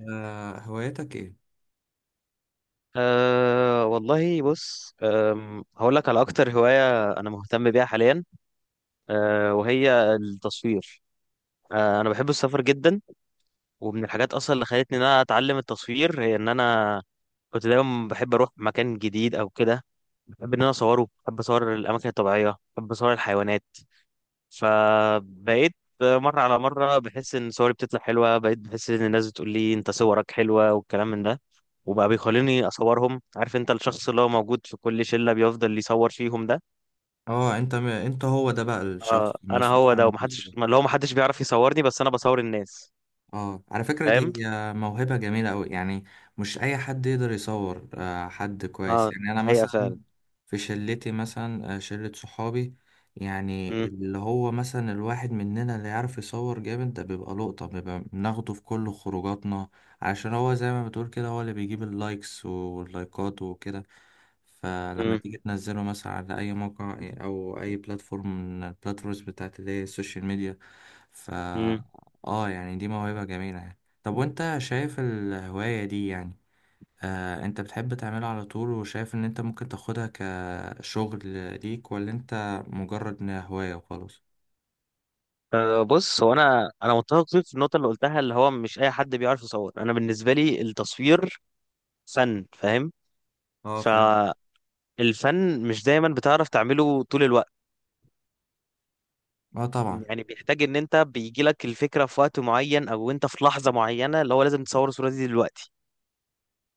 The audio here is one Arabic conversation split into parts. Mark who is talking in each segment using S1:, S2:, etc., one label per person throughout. S1: آه هوايتك ايه؟
S2: أه والله بص هقول لك على أكتر هواية أنا مهتم بيها حاليا. وهي التصوير. أنا بحب السفر جدا. ومن الحاجات أصلا اللي خلتني إن أنا أتعلم التصوير هي إن أنا كنت دايما بحب أروح مكان جديد أو كده. بحب إن أنا أصوره، بحب أصور الأماكن الطبيعية، بحب أصور الحيوانات. فبقيت مرة على مرة بحس إن صوري بتطلع حلوة، بقيت بحس إن الناس بتقول لي أنت صورك حلوة والكلام من ده. وبقى بيخليني أصورهم. عارف أنت الشخص اللي هو موجود في كل شلة بيفضل يصور فيهم ده.
S1: اه انت هو ده بقى
S2: آه،
S1: الشخص
S2: أنا
S1: المسؤول
S2: هو
S1: عن
S2: ده،
S1: التسويق.
S2: ومحدش اللي هو محدش بيعرف يصورني، بس أنا بصور الناس.
S1: اه على فكرة
S2: فاهم؟
S1: دي موهبة جميلة أوي يعني. مش أي حد يقدر يصور، حد كويس
S2: آه
S1: يعني. أنا
S2: الحقيقة
S1: مثلا
S2: فعلا.
S1: في شلتي مثلا، شلة صحابي، يعني
S2: مم،
S1: اللي هو مثلا الواحد مننا اللي يعرف يصور جامد ده بيبقى لقطة، بيبقى بناخده في كل خروجاتنا عشان هو زي ما بتقول كده هو اللي بيجيب اللايكس واللايكات وكده. فلما
S2: مم،
S1: تيجي تنزله مثلا على أي موقع أو أي بلاتفورم من البلاتفورمز بتاعت اللي هي السوشيال ميديا.
S2: مم.
S1: اه يعني دي موهبة جميلة يعني. طب وانت شايف الهواية دي يعني، انت بتحب تعملها على طول وشايف ان انت ممكن تاخدها كشغل ليك، ولا انت مجرد انها هواية وخلاص؟
S2: أه بص هو انا متفق فيك في النقطه اللي قلتها، اللي هو مش اي حد بيعرف يصور. انا بالنسبه لي التصوير فن، فاهم.
S1: اه
S2: ف
S1: فاهم.
S2: الفن مش دايما بتعرف تعمله طول الوقت.
S1: اه طبعا.
S2: يعني بيحتاج ان انت بيجي لك الفكره في وقت معين، او انت في لحظه معينه اللي هو لازم تصور الصوره دي دلوقتي.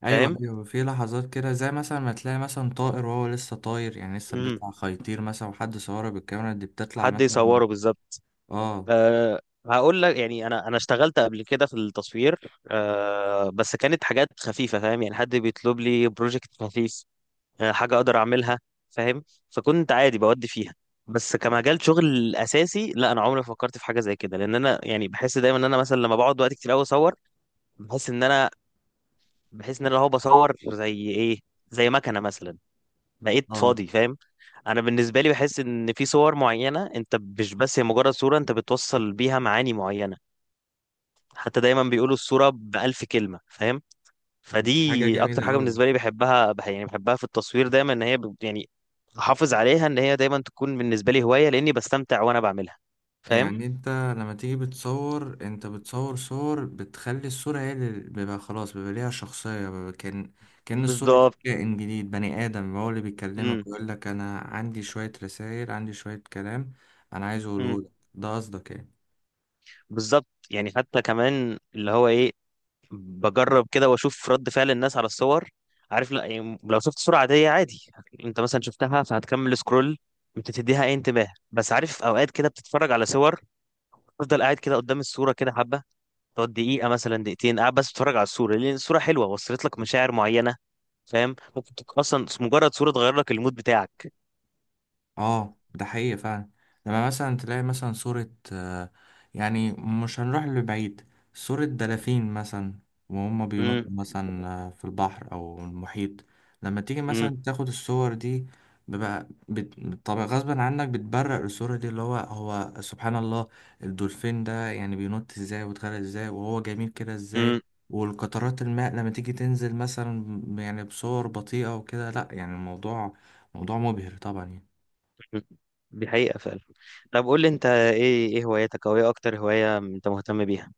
S1: ايوه
S2: فاهم.
S1: ايوه، في لحظات كده زي مثلا ما تلاقي مثلا طائر وهو لسه طاير، يعني لسه
S2: امم
S1: بيطلع خيطير مثلا وحد صوره بالكاميرا دي بتطلع
S2: حد
S1: مثلا.
S2: يصوره بالظبط.
S1: اه.
S2: أه هقول لك يعني انا اشتغلت قبل كده في التصوير. أه بس كانت حاجات خفيفه، فاهم. يعني حد بيطلب لي بروجكت خفيف، أه حاجه اقدر اعملها. فاهم. فكنت عادي بودي فيها. بس كمجال شغل اساسي لا، انا عمري ما فكرت في حاجه زي كده، لان انا يعني بحس دايما ان انا مثلا لما بقعد وقت كتير قوي اصور، بحس ان انا بحس ان انا هو بصور زي ايه، زي مكنه مثلا، بقيت
S1: اه
S2: فاضي. فاهم. انا بالنسبه لي بحس ان في صور معينه، انت مش بس هي مجرد صوره، انت بتوصل بيها معاني معينه. حتى دايما بيقولوا الصوره بألف كلمه، فاهم.
S1: دي حاجة
S2: فدي اكتر
S1: جميلة
S2: حاجه
S1: قوي.
S2: بالنسبه لي بحبها، يعني بحبها في التصوير. دايما ان هي يعني احافظ عليها ان هي دايما تكون بالنسبه لي هوايه، لاني بستمتع وانا بعملها. فاهم.
S1: يعني انت لما تيجي بتصور انت بتصور صور بتخلي الصورة هي اللي بيبقى خلاص بيبقى ليها شخصية، بيبقى كأن كأن الصورة دي
S2: بالظبط.
S1: كائن جديد، بني آدم هو اللي
S2: امم،
S1: بيكلمك ويقول لك أنا عندي شوية رسائل، عندي شوية كلام أنا عايز
S2: امم،
S1: أقوله لك. ده قصدك يعني.
S2: بالظبط. يعني حتى كمان اللي هو ايه، بجرب كده واشوف رد فعل الناس على الصور. عارف. لا يعني لو شفت صورة عادية، عادي انت مثلا شفتها فهتكمل سكرول، مش هتديها اي انتباه. بس عارف اوقات كده بتتفرج على صور، تفضل قاعد كده قدام الصورة كده حبة، تقعد دقيقة مثلا، دقيقتين قاعد بس بتتفرج على الصورة، لأن الصورة حلوة وصلت لك مشاعر معينة. فاهم. ممكن تكون أصلا مجرد صورة تغير لك المود بتاعك.
S1: اه ده حقيقي فعلا. لما مثلا تلاقي مثلا صورة، يعني مش هنروح لبعيد، صورة دلافين مثلا وهم بينطوا
S2: امم.
S1: مثلا، في البحر أو المحيط. لما تيجي
S2: امم.
S1: مثلا تاخد الصور دي، بيبقى بت... طبعا غصبا عنك بتبرق الصورة دي، اللي هو هو سبحان الله، الدولفين ده يعني بينط ازاي ويتغرق ازاي وهو جميل كده ازاي.
S2: امم.
S1: والقطرات الماء لما تيجي تنزل مثلا يعني بصور بطيئة وكده، لا يعني الموضوع موضوع مبهر طبعا.
S2: امم. دي حقيقة فعلا. طب قول لي انت ايه، ايه هواياتك، او ايه اكتر هواية انت مهتم بيها؟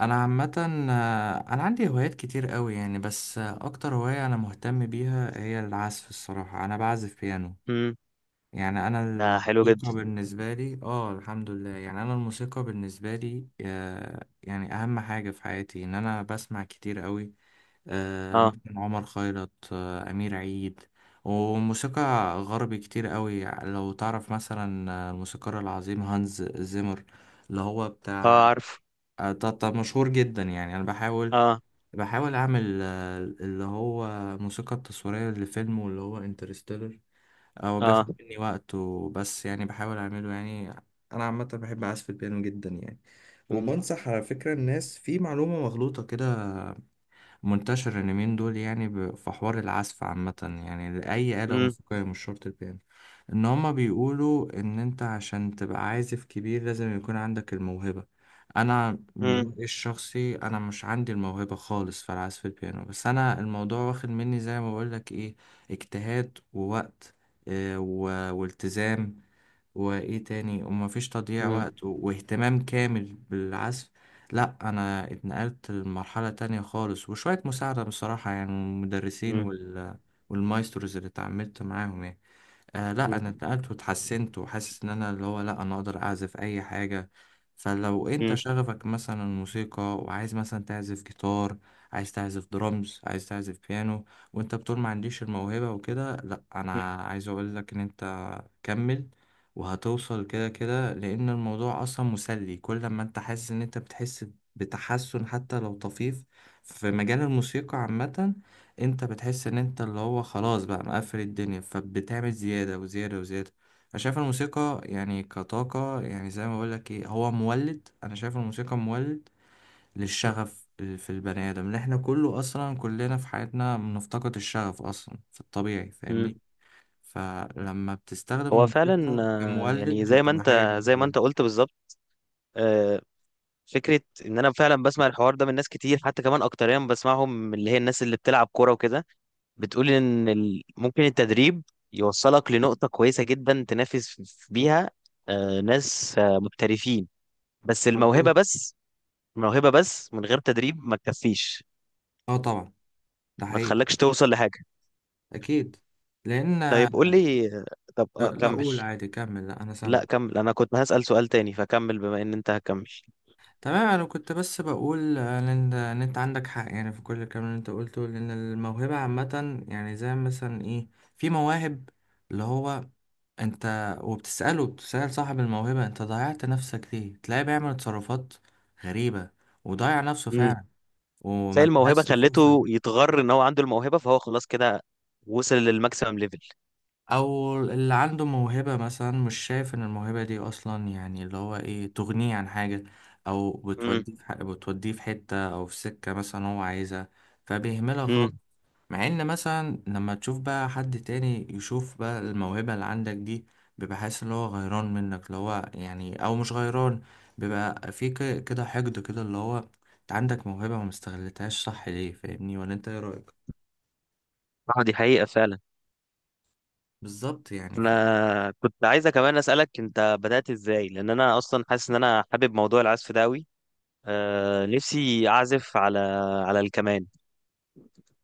S1: انا عامه، انا عندي هوايات كتير قوي يعني، بس اكتر هوايه انا مهتم بيها هي العزف. الصراحه انا بعزف بيانو.
S2: امم.
S1: يعني انا
S2: ده حلو
S1: الموسيقى
S2: جدا.
S1: بالنسبه لي اه الحمد لله، يعني انا الموسيقى بالنسبه لي، يعني اهم حاجه في حياتي، ان انا بسمع كتير قوي،
S2: اه.
S1: مثلا عمر خيرت، امير عيد وموسيقى غربي كتير قوي. لو تعرف مثلا، الموسيقار العظيم هانز زيمر اللي هو بتاع،
S2: اه عارف.
S1: ده مشهور جدا يعني. انا بحاول
S2: اه.
S1: بحاول اعمل، اللي هو الموسيقى التصويرية لفيلم واللي هو انترستيلر. او بياخد
S2: اه.
S1: مني وقت وبس، يعني بحاول اعمله يعني. انا عامة بحب اعزف البيانو جدا يعني.
S2: مم،
S1: وبنصح على فكرة الناس في معلومة مغلوطة كده منتشر اليومين دول، يعني في حوار العزف عامة يعني لأي آلة
S2: مم،
S1: موسيقية، مش شرط البيانو، إن هما بيقولوا إن أنت عشان تبقى عازف كبير لازم يكون عندك الموهبة. أنا من
S2: مم،
S1: رأيي الشخصي أنا مش عندي الموهبة خالص في العزف البيانو، بس أنا الموضوع واخد مني زي ما بقولك إيه، اجتهاد ووقت، والتزام وايه تاني، ومفيش تضييع
S2: مم،
S1: وقت، واهتمام كامل بالعزف. لا انا اتنقلت لمرحلة تانية خالص، وشوية مساعدة بصراحة يعني من المدرسين
S2: مم،
S1: والمايستروز اللي اتعاملت معاهم يعني. آه لا
S2: مم،
S1: انا اتنقلت واتحسنت، وحاسس ان انا اللي هو لا انا اقدر اعزف اي حاجه. فلو انت
S2: مم،
S1: شغفك مثلا الموسيقى، وعايز مثلا تعزف جيتار، عايز تعزف درامز، عايز تعزف بيانو، وانت بتقول ما عنديش الموهبه وكده، لا انا عايز اقول لك ان انت كمل، وهتوصل كده كده، لان الموضوع اصلا مسلي. كل ما انت حاسس ان انت بتحسن حتى لو طفيف في مجال الموسيقى عامه، انت بتحس ان انت اللي هو خلاص بقى مقفل الدنيا، فبتعمل زيادة وزيادة وزيادة. انا شايف الموسيقى يعني كطاقة، يعني زي ما بقولك ايه، هو مولد. انا شايف الموسيقى مولد للشغف، في البني ادم، لان احنا كله اصلا كلنا في حياتنا بنفتقد الشغف اصلا في الطبيعي فاهمني.
S2: مم.
S1: فلما بتستخدم
S2: هو فعلا
S1: الموسيقى
S2: يعني
S1: كمولد
S2: زي ما
S1: بتبقى حاجة
S2: انت، زي
S1: جميلة
S2: ما
S1: أوي.
S2: انت قلت بالظبط. آه، فكرة ان انا فعلا بسمع الحوار ده من ناس كتير، حتى كمان اكتريا بسمعهم من اللي هي الناس اللي بتلعب كورة وكده، بتقول ان ممكن التدريب يوصلك لنقطة كويسة جدا تنافس بيها ناس محترفين، بس الموهبة
S1: مظبوط.
S2: بس الموهبة بس من غير تدريب ما تكفيش،
S1: اه طبعا. ده
S2: ما
S1: حقيقي.
S2: تخلكش توصل لحاجة.
S1: اكيد. لان،
S2: طيب قول لي، طب
S1: لا
S2: كمل.
S1: قول عادي كمل، لا انا سامع.
S2: لا كمل، انا كنت هسأل سؤال تاني، فكمل بما ان انت هكمل.
S1: تمام، انا كنت بس بقول ان انت إنت عندك حق يعني في كل الكلام اللي انت قلته، لان الموهبه عامه يعني زي مثلا ايه، في مواهب اللي هو انت بتسال صاحب الموهبه انت ضيعت نفسك ليه، تلاقيه بيعمل تصرفات غريبه وضيع نفسه
S2: امم.
S1: فعلا،
S2: زي
S1: وما
S2: الموهبة
S1: انتهزش الفرصه دي.
S2: خلته يتغر ان هو عنده الموهبة، فهو خلاص كده وصل للماكسيمم ليفل.
S1: او اللي عنده موهبة مثلا مش شايف ان الموهبة دي اصلا يعني اللي هو ايه تغنيه عن حاجة، او
S2: امم.
S1: بتوديه في حتة او في سكة مثلا هو عايزها، فبيهملها خالص.
S2: امم.
S1: مع ان مثلا لما تشوف بقى حد تاني يشوف بقى الموهبة اللي عندك دي، بيبقى حاسس ان هو غيران منك، اللي هو يعني او مش غيران، بيبقى في كده حقد كده، اللي هو انت عندك موهبة وما استغلتهاش، صح ليه فاهمني؟ ولا انت ايه رأيك؟
S2: اه دي حقيقة فعلا.
S1: بالظبط يعني.
S2: انا كنت عايزة كمان أسألك انت بدأت ازاي، لان انا اصلا حاسس ان انا حابب موضوع العزف ده قوي. آه نفسي اعزف على الكمان.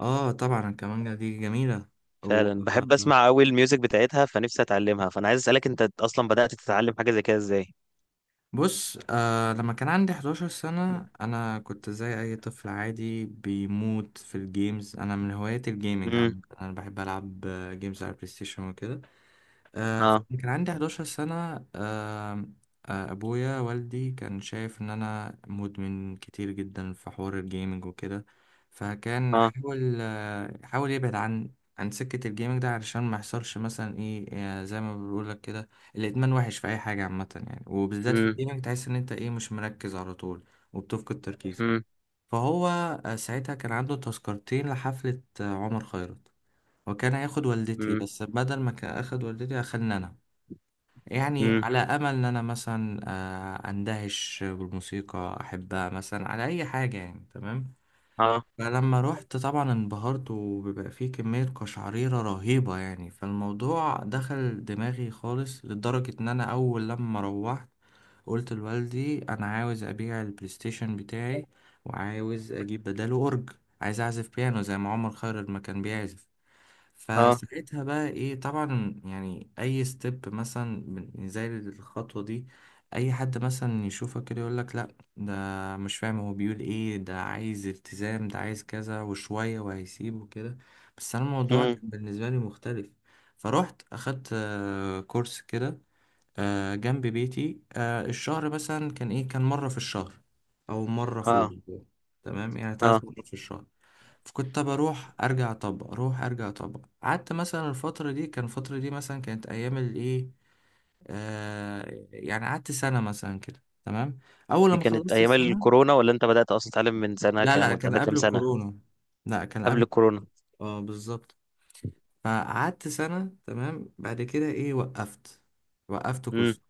S1: اه طبعا الكمانجة دي جميلة. و...
S2: فعلا بحب اسمع قوي الميوزك بتاعتها، فنفسي اتعلمها. فانا عايز أسألك، انت اصلا بدأت تتعلم حاجة زي كده ازاي؟
S1: بص، آه لما كان عندي 11 سنة أنا كنت زي أي طفل عادي بيموت في الجيمز، أنا من هواياتي الجيمنج
S2: امم.
S1: عامة، أنا بحب ألعب جيمز على البلاي ستيشن وكده.
S2: اه.
S1: فكان عندي 11 سنة، آه، أبويا والدي كان شايف إن أنا مدمن كتير جدا في حوار الجيمنج وكده، فكان
S2: اه.
S1: حاول يبعد عن عن سكة الجيمنج ده علشان ما يحصلش مثلا إيه، زي ما بقولك كده، الإدمان وحش في أي حاجة عامة يعني، وبالذات في
S2: مم.
S1: الجيمنج تحس إن أنت إيه مش مركز على طول، وبتفقد تركيزك.
S2: مم.
S1: فهو ساعتها كان عنده تذكرتين لحفلة عمر خيرت، وكان هياخد والدتي،
S2: مم.
S1: بس بدل ما كان أخد والدتي أخدنا أنا، يعني
S2: مم.
S1: على امل ان انا مثلا اندهش بالموسيقى احبها مثلا على اي حاجه يعني تمام.
S2: اه.
S1: فلما رحت طبعا انبهرت، وبيبقى فيه كميه قشعريره رهيبه يعني، فالموضوع دخل دماغي خالص، لدرجه ان انا اول لما روحت قلت لوالدي انا عاوز ابيع البلاي ستيشن بتاعي، وعاوز اجيب بداله اورج، عايز اعزف بيانو زي ما عمر خيرت ما كان بيعزف.
S2: اه.
S1: فساعتها بقى ايه طبعا، يعني اي ستيب مثلا زي الخطوة دي، اي حد مثلا يشوفك كده يقولك لا ده مش فاهم هو بيقول ايه، ده عايز التزام، ده عايز كذا وشوية وهيسيب وكده، بس انا الموضوع كان
S2: مم.
S1: بالنسبة لي مختلف. فروحت اخدت كورس كده جنب بيتي، الشهر مثلا كان ايه كان مرة في الشهر او مرة في
S2: اه.
S1: الاسبوع، تمام، يعني
S2: اه
S1: ثلاث مرات في الشهر. فكنت بروح ارجع اطبق، اروح ارجع اطبق، قعدت مثلا الفتره دي، كان الفتره دي مثلا كانت ايام الايه، آه يعني قعدت سنه مثلا كده تمام. اول
S2: دي
S1: لما
S2: كانت
S1: خلصت
S2: ايام
S1: السنه،
S2: الكورونا، ولا انت بدأت اصلا تتعلم من سنة
S1: لا
S2: كام،
S1: لا
S2: وانت
S1: كان
S2: عندك كام
S1: قبل
S2: سنة؟
S1: الكورونا. لا كان
S2: قبل
S1: قبل.
S2: الكورونا.
S1: اه بالظبط. فقعدت سنة تمام، بعد كده ايه وقفت، وقفت
S2: مم.
S1: كورس،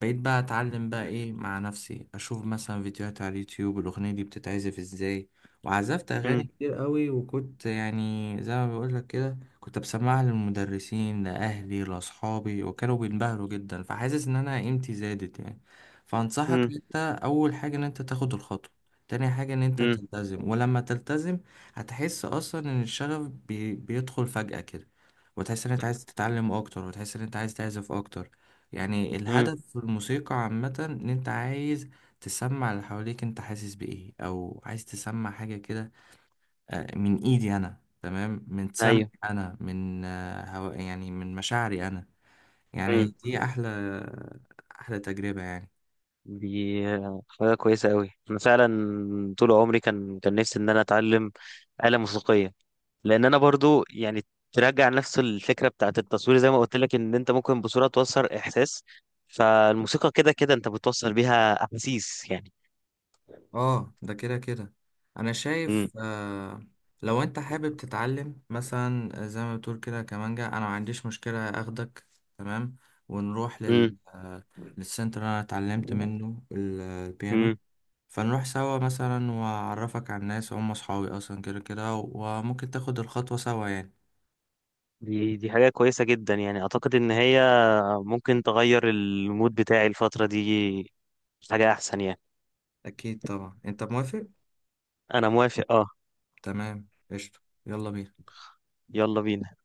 S1: بقيت بقى اتعلم بقى ايه مع نفسي، اشوف مثلا فيديوهات على اليوتيوب الاغنية دي بتتعزف ازاي. وعزفت اغاني
S2: مم.
S1: كتير قوي، وكنت يعني زي ما بقول لك كده كنت بسمعها للمدرسين لاهلي لاصحابي وكانوا بينبهروا جدا، فحاسس ان انا قيمتي زادت يعني. فانصحك
S2: مم.
S1: انت، اول حاجة ان انت تاخد الخطوة، تاني حاجة ان انت
S2: مم.
S1: تلتزم، ولما تلتزم هتحس اصلا ان الشغف بيدخل فجأة كده، وتحس ان انت عايز تتعلم اكتر، وتحس ان انت عايز تعزف اكتر. يعني
S2: مم.
S1: الهدف في الموسيقى عامة ان انت عايز تسمع اللي حواليك انت حاسس بايه، او عايز تسمع حاجة كده من ايدي انا، تمام، من سمعي
S2: ايوه.
S1: انا، من هوا يعني من مشاعري انا.
S2: مم.
S1: يعني دي احلى تجربة يعني.
S2: دي حاجة كويسة قوي. انا فعلا طول عمري كان نفسي ان انا اتعلم آلة موسيقية، لان انا برضو يعني ترجع نفس الفكرة بتاعت التصوير. زي ما قلت لك ان انت ممكن بصورة توصل احساس، فالموسيقى كده كده انت بتوصل بيها احاسيس.
S1: اه ده كده كده. انا
S2: مم.
S1: شايف آه لو انت حابب تتعلم مثلا، زي ما بتقول كده كمانجا، انا ما عنديش مشكلة اخدك تمام، ونروح
S2: مم.
S1: لل للسنتر اللي انا اتعلمت منه البيانو،
S2: مم.
S1: فنروح سوا مثلا واعرفك على الناس هم اصحابي اصلا كده كده، وممكن تاخد الخطوة سوا يعني.
S2: دي حاجة كويسة جدا. يعني أعتقد إن هي ممكن تغير المود بتاعي الفترة دي، حاجة أحسن يعني.
S1: اكيد طبعا، انت موافق؟
S2: أنا موافق أه.
S1: تمام قشطة، يلا بينا.
S2: يلا بينا.